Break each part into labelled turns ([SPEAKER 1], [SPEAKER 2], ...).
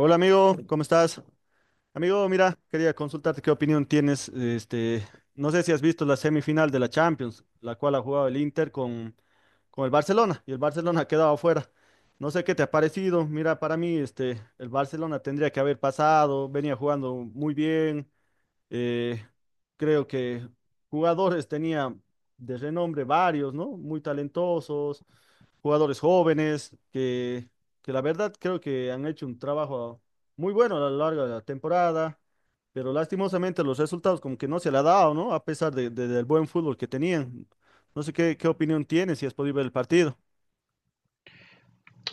[SPEAKER 1] Hola amigo, ¿cómo estás? Amigo, mira, quería consultarte qué opinión tienes. No sé si has visto la semifinal de la Champions, la cual ha jugado el Inter con el Barcelona, y el Barcelona ha quedado afuera. No sé qué te ha parecido. Mira, para mí, el Barcelona tendría que haber pasado, venía jugando muy bien. eh, Creo que jugadores tenía de renombre varios, ¿no? Muy talentosos jugadores jóvenes que la verdad creo que han hecho un trabajo muy bueno a lo largo de la temporada, pero lastimosamente los resultados como que no se le ha dado, ¿no? A pesar del buen fútbol que tenían. No sé qué opinión tienes, si has podido ver el partido.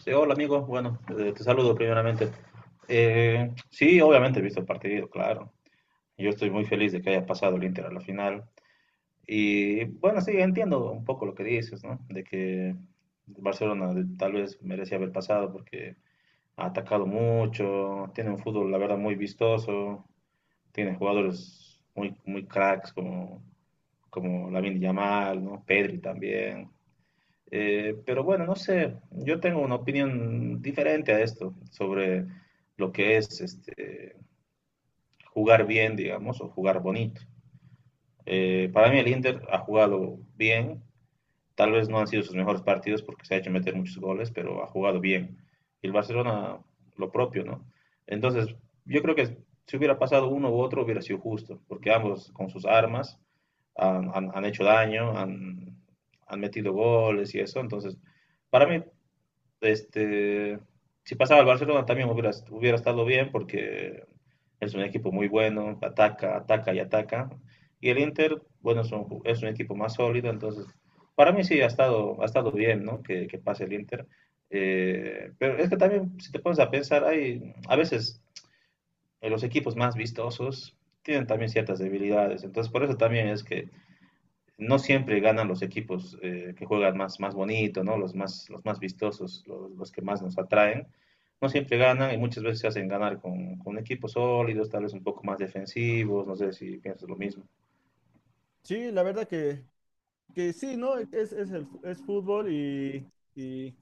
[SPEAKER 2] Sí, hola amigo, bueno, te saludo primeramente. Sí, obviamente he visto el partido, claro. Yo estoy muy feliz de que haya pasado el Inter a la final. Y bueno, sí, entiendo un poco lo que dices, ¿no? De que Barcelona tal vez merecía haber pasado porque ha atacado mucho, tiene un fútbol, la verdad, muy vistoso, tiene jugadores muy, muy cracks como, como Lamine Yamal, ¿no? Pedri también. Pero bueno, no sé, yo tengo una opinión diferente a esto sobre lo que es este, jugar bien, digamos, o jugar bonito. Para mí el Inter ha jugado bien, tal vez no han sido sus mejores partidos porque se ha hecho meter muchos goles, pero ha jugado bien. Y el Barcelona lo propio, ¿no? Entonces, yo creo que si hubiera pasado uno u otro hubiera sido justo, porque ambos con sus armas han hecho daño, han, han metido goles y eso. Entonces, para mí este, si pasaba al Barcelona también hubiera, hubiera estado bien porque es un equipo muy bueno, ataca, ataca y ataca. Y el Inter, bueno, es un equipo más sólido, entonces para mí sí ha estado bien, ¿no? Que pase el Inter. Pero es que también, si te pones a pensar, hay, a veces los equipos más vistosos tienen también ciertas debilidades, entonces por eso también es que no siempre ganan los equipos que juegan más, más bonito, ¿no? Los más vistosos, los que más nos atraen. No siempre ganan y muchas veces se hacen ganar con equipos sólidos, tal vez un poco más defensivos, no sé si piensas lo mismo.
[SPEAKER 1] Sí, la verdad que sí, ¿no? Es fútbol y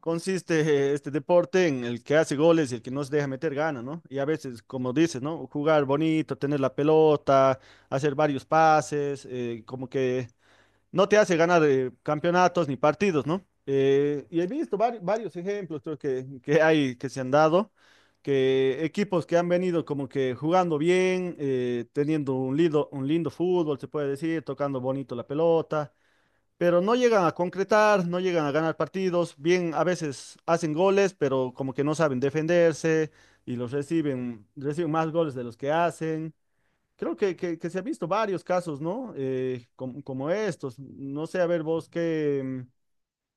[SPEAKER 1] consiste este deporte en el que hace goles y el que no se deja meter gana, ¿no? Y a veces, como dices, ¿no? Jugar bonito, tener la pelota, hacer varios pases, como que no te hace ganar campeonatos ni partidos, ¿no? Y he visto varios ejemplos. Creo que hay, que se han dado, que equipos que han venido como que jugando bien, teniendo un un lindo fútbol, se puede decir, tocando bonito la pelota, pero no llegan a concretar, no llegan a ganar partidos, bien, a veces hacen goles, pero como que no saben defenderse y los reciben más goles de los que hacen. Creo que se han visto varios casos, ¿no? Como estos. No sé, a ver vos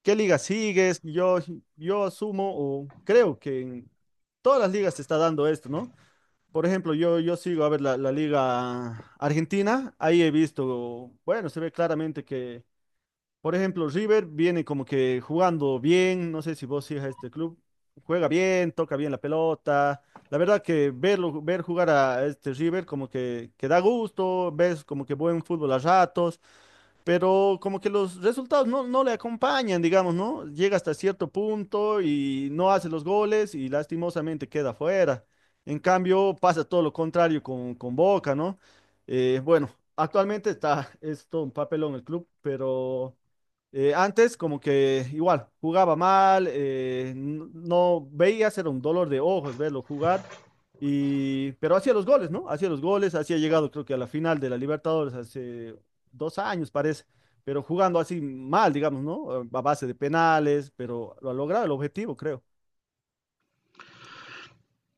[SPEAKER 1] qué liga sigues. Yo asumo o creo que en todas las ligas se está dando esto, ¿no? Por ejemplo, yo sigo a ver la Liga Argentina. Ahí he visto, bueno, se ve claramente que, por ejemplo, River viene como que jugando bien, no sé si vos sigas a este club, juega bien, toca bien la pelota. La verdad que verlo, ver jugar a este River como que da gusto, ves como que buen fútbol a ratos, pero como que los resultados no le acompañan, digamos, ¿no? Llega hasta cierto punto y no hace los goles y lastimosamente queda fuera. En cambio, pasa todo lo contrario con Boca, ¿no? Bueno, actualmente está, es todo un papelón el club, pero... antes como que igual jugaba mal, no veía, era un dolor de ojos verlo jugar, y pero hacía los goles, ¿no? Hacía los goles, hacía llegado creo que a la final de la Libertadores hace dos años, parece, pero jugando así mal, digamos, ¿no? A base de penales, pero lo ha logrado el objetivo, creo.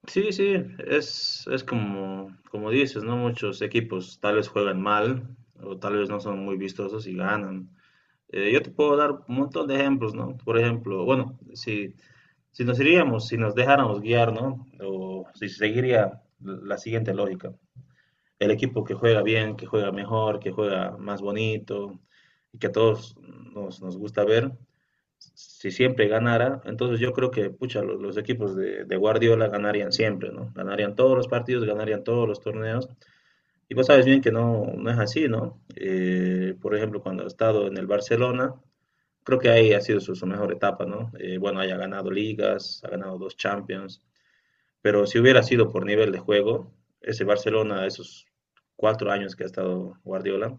[SPEAKER 2] Sí, sí, es como, como dices, ¿no? Muchos equipos tal vez juegan mal o tal vez no son muy vistosos y ganan. Yo te puedo dar un montón de ejemplos, ¿no? Por ejemplo, bueno, si nos iríamos, si nos dejáramos guiar, ¿no? O si seguiría la siguiente lógica. El equipo que juega bien, que juega mejor, que juega más bonito y que a todos nos, nos gusta ver, si siempre ganara, entonces yo creo que, pucha, los equipos de, Guardiola ganarían siempre, ¿no? Ganarían todos los partidos, ganarían todos los torneos. Y vos sabes bien que no, no es así, ¿no? Por ejemplo, cuando ha estado en el Barcelona, creo que ahí ha sido su, su mejor etapa, ¿no? Bueno, haya ganado ligas, ha ganado dos Champions, pero si hubiera sido por nivel de juego, ese Barcelona, esos cuatro años que ha estado Guardiola,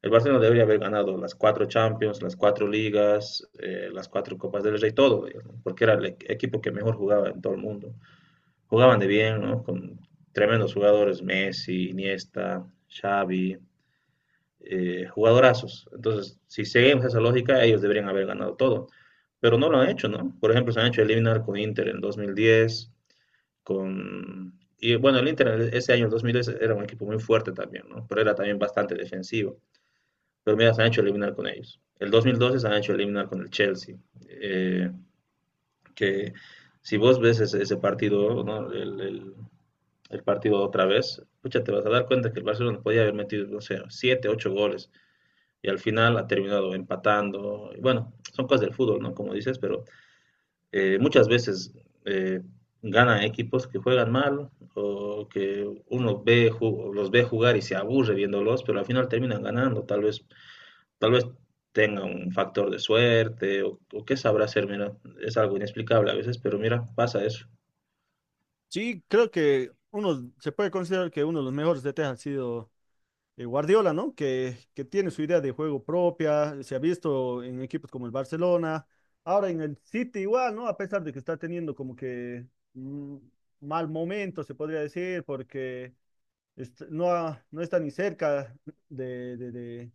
[SPEAKER 2] el Barcelona debería haber ganado las cuatro Champions, las cuatro Ligas, las cuatro Copas del Rey, todo, ¿no? Porque era el equipo que mejor jugaba en todo el mundo. Jugaban de bien, ¿no? Con tremendos jugadores, Messi, Iniesta, Xavi, jugadorazos. Entonces, si seguimos esa lógica, ellos deberían haber ganado todo. Pero no lo han hecho, ¿no? Por ejemplo, se han hecho eliminar con Inter en 2010, con... Y bueno, el Inter ese año, el 2010, era un equipo muy fuerte también, ¿no? Pero era también bastante defensivo. Pero mira, se han hecho eliminar con ellos. El 2012 se han hecho eliminar con el Chelsea. eh, que si vos ves ese, ese partido, ¿no? El partido otra vez, pucha, te vas a dar cuenta que el Barcelona podía haber metido, no sé, 7 8 goles y al final ha terminado empatando. Y bueno, son cosas del fútbol, ¿no? Como dices, pero muchas veces eh, ganan equipos que juegan mal o que uno ve, los ve jugar y se aburre viéndolos, pero al final terminan ganando. Tal vez tenga un factor de suerte o qué sabrá hacer, mira, es algo inexplicable a veces, pero mira, pasa eso.
[SPEAKER 1] Sí, creo que uno se puede considerar que uno de los mejores DT ha sido Guardiola, ¿no? Que tiene su idea de juego propia, se ha visto en equipos como el Barcelona, ahora en el City igual, ¿no? A pesar de que está teniendo como que mm, mal momento, se podría decir, porque no está ni cerca de, de- de-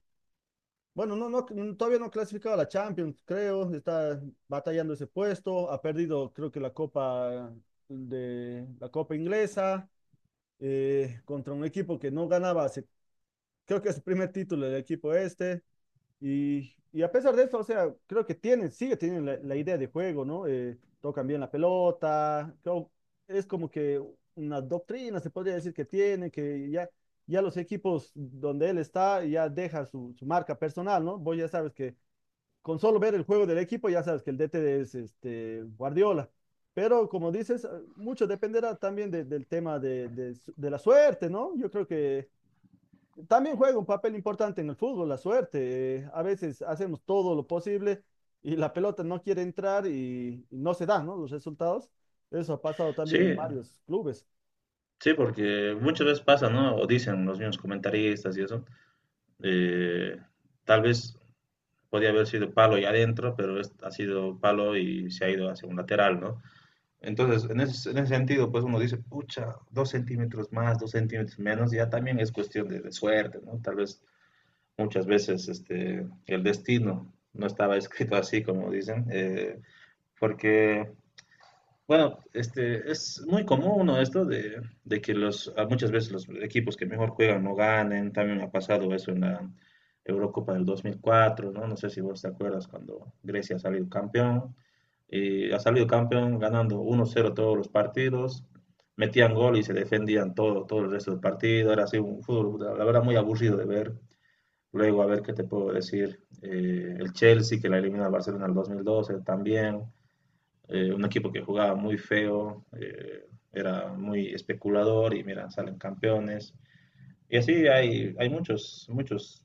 [SPEAKER 1] bueno, todavía no ha clasificado a la Champions, creo, está batallando ese puesto. Ha perdido creo que la Copa de la Copa Inglesa contra un equipo que no ganaba hace, creo que es su primer título, del equipo este. Y a pesar de eso, o sea, creo que tienen, sigue teniendo la idea de juego, ¿no? Tocan bien la pelota, creo, es como que una doctrina, se podría decir que tiene, ya los equipos donde él está ya deja su marca personal, ¿no? Vos ya sabes que con solo ver el juego del equipo ya sabes que el DT es este, Guardiola. Pero como dices, mucho dependerá también del tema de la suerte, ¿no? Yo creo que también juega un papel importante en el fútbol, la suerte. Eh, a veces hacemos todo lo posible y la pelota no quiere entrar y no se dan, ¿no? Los resultados. Eso ha pasado
[SPEAKER 2] Sí,
[SPEAKER 1] también en varios clubes.
[SPEAKER 2] sí, porque muchas veces pasa, ¿no? O dicen los mismos comentaristas y eso. eh, Tal vez podía haber sido palo y adentro, pero ha sido palo y se ha ido hacia un lateral, ¿no? Entonces, en ese sentido, pues uno dice, pucha, dos centímetros más, dos centímetros menos, ya también es cuestión de suerte, ¿no? Tal vez muchas veces el destino no estaba escrito así, como dicen, porque bueno, es muy común ¿no? Esto de que los, a muchas veces los equipos que mejor juegan no ganen. También ha pasado eso en la Eurocopa del 2004, ¿no? No sé si vos te acuerdas cuando Grecia ha salido campeón. Y ha salido campeón ganando 1-0 todos los partidos. Metían gol y se defendían todo, todo el resto del partido. Era así un fútbol, la verdad, muy aburrido de ver. Luego, a ver qué te puedo decir. El Chelsea, que la eliminó al Barcelona en el 2012, también un equipo que jugaba muy feo, era muy especulador y mira, salen campeones. Y así hay, hay muchos, muchos,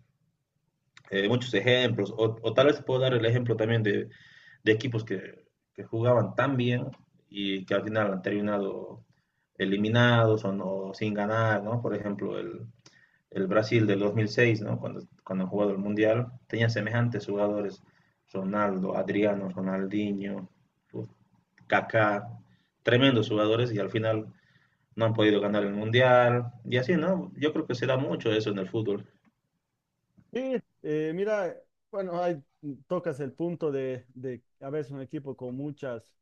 [SPEAKER 2] muchos ejemplos. O, tal vez puedo dar el ejemplo también de equipos que, jugaban tan bien y que al final han terminado eliminados o, no, sin ganar, ¿no? Por ejemplo, el Brasil del 2006, ¿no? Cuando, cuando han jugado el Mundial, tenía semejantes jugadores, Ronaldo, Adriano, Ronaldinho, Kaká, tremendos jugadores y al final no han podido ganar el Mundial y así, ¿no? Yo creo que se da mucho eso en el fútbol.
[SPEAKER 1] Y mira, bueno, ahí tocas el punto de a veces un equipo con muchas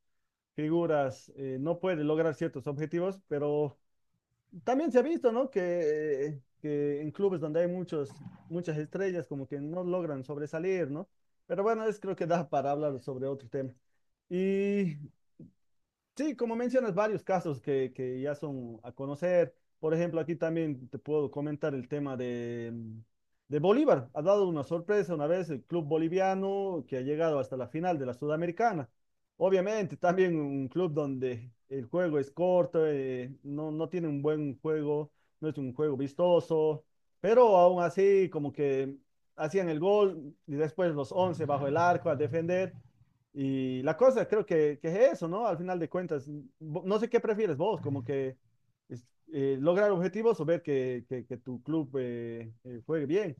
[SPEAKER 1] figuras no puede lograr ciertos objetivos, pero también se ha visto, ¿no? Que en clubes donde hay muchas estrellas como que no logran sobresalir, ¿no? Pero bueno, es creo que da para hablar sobre otro tema. Y sí, como mencionas, varios casos que ya son a conocer. Por ejemplo, aquí también te puedo comentar el tema de, de Bolívar. Ha dado una sorpresa una vez el club boliviano que ha llegado hasta la final de la Sudamericana. Obviamente, también un club donde el juego es corto, no tiene un buen juego, no es un juego vistoso, pero aún así como que hacían el gol y después los 11 bajo el arco a defender. Y la cosa creo que es eso, ¿no? Al final de cuentas, no sé qué prefieres vos, como que es- lograr objetivos o ver que tu club juegue bien.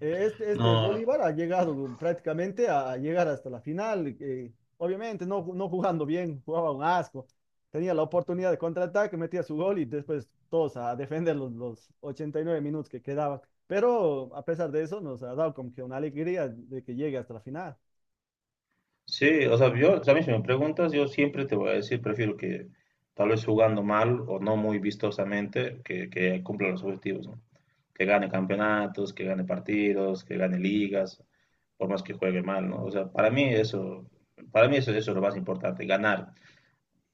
[SPEAKER 1] Este
[SPEAKER 2] No,
[SPEAKER 1] Bolívar ha llegado prácticamente a llegar hasta la final, obviamente no jugando bien, jugaba un asco. Tenía la oportunidad de contraataque, metía su gol y después todos a defender los 89 minutos que quedaban. Pero a pesar de eso, nos ha dado como que una alegría de que llegue hasta la final.
[SPEAKER 2] sí, o sea, yo, a mí si me preguntas, yo siempre te voy a decir, prefiero que tal vez jugando mal o no muy vistosamente, que cumpla los objetivos, ¿no? Que gane campeonatos, que gane partidos, que gane ligas, por más que juegue mal, ¿no? O sea, para mí eso, eso es lo más importante, ganar.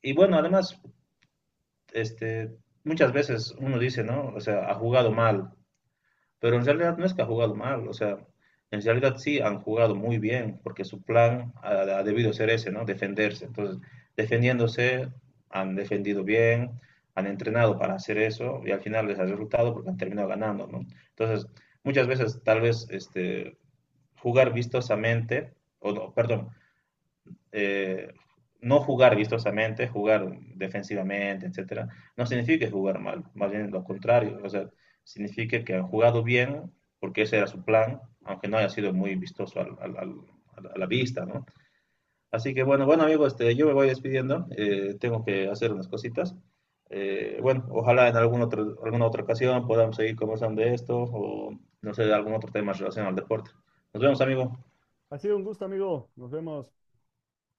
[SPEAKER 2] Y bueno, además, este, muchas veces uno dice, ¿no? O sea, ha jugado mal, pero en realidad no es que ha jugado mal, o sea, en realidad sí han jugado muy bien, porque su plan ha, ha debido ser ese, ¿no? Defenderse. Entonces, defendiéndose, han defendido bien, han entrenado para hacer eso y al final les ha resultado porque han terminado ganando, ¿no? Entonces, muchas veces tal vez jugar vistosamente, o no, perdón, eh, no jugar vistosamente, jugar defensivamente, etcétera, no significa jugar mal, más bien lo contrario, o sea, significa que han jugado bien porque ese era su plan, aunque no haya sido muy vistoso al, al, al, a la vista, ¿no? Así que bueno, bueno amigos, yo me voy despidiendo, tengo que hacer unas cositas. Bueno, ojalá en alguna otra ocasión podamos seguir conversando de esto o no sé, de algún otro tema relacionado al deporte. Nos vemos amigos.
[SPEAKER 1] Ha sido un gusto, amigo. Nos vemos.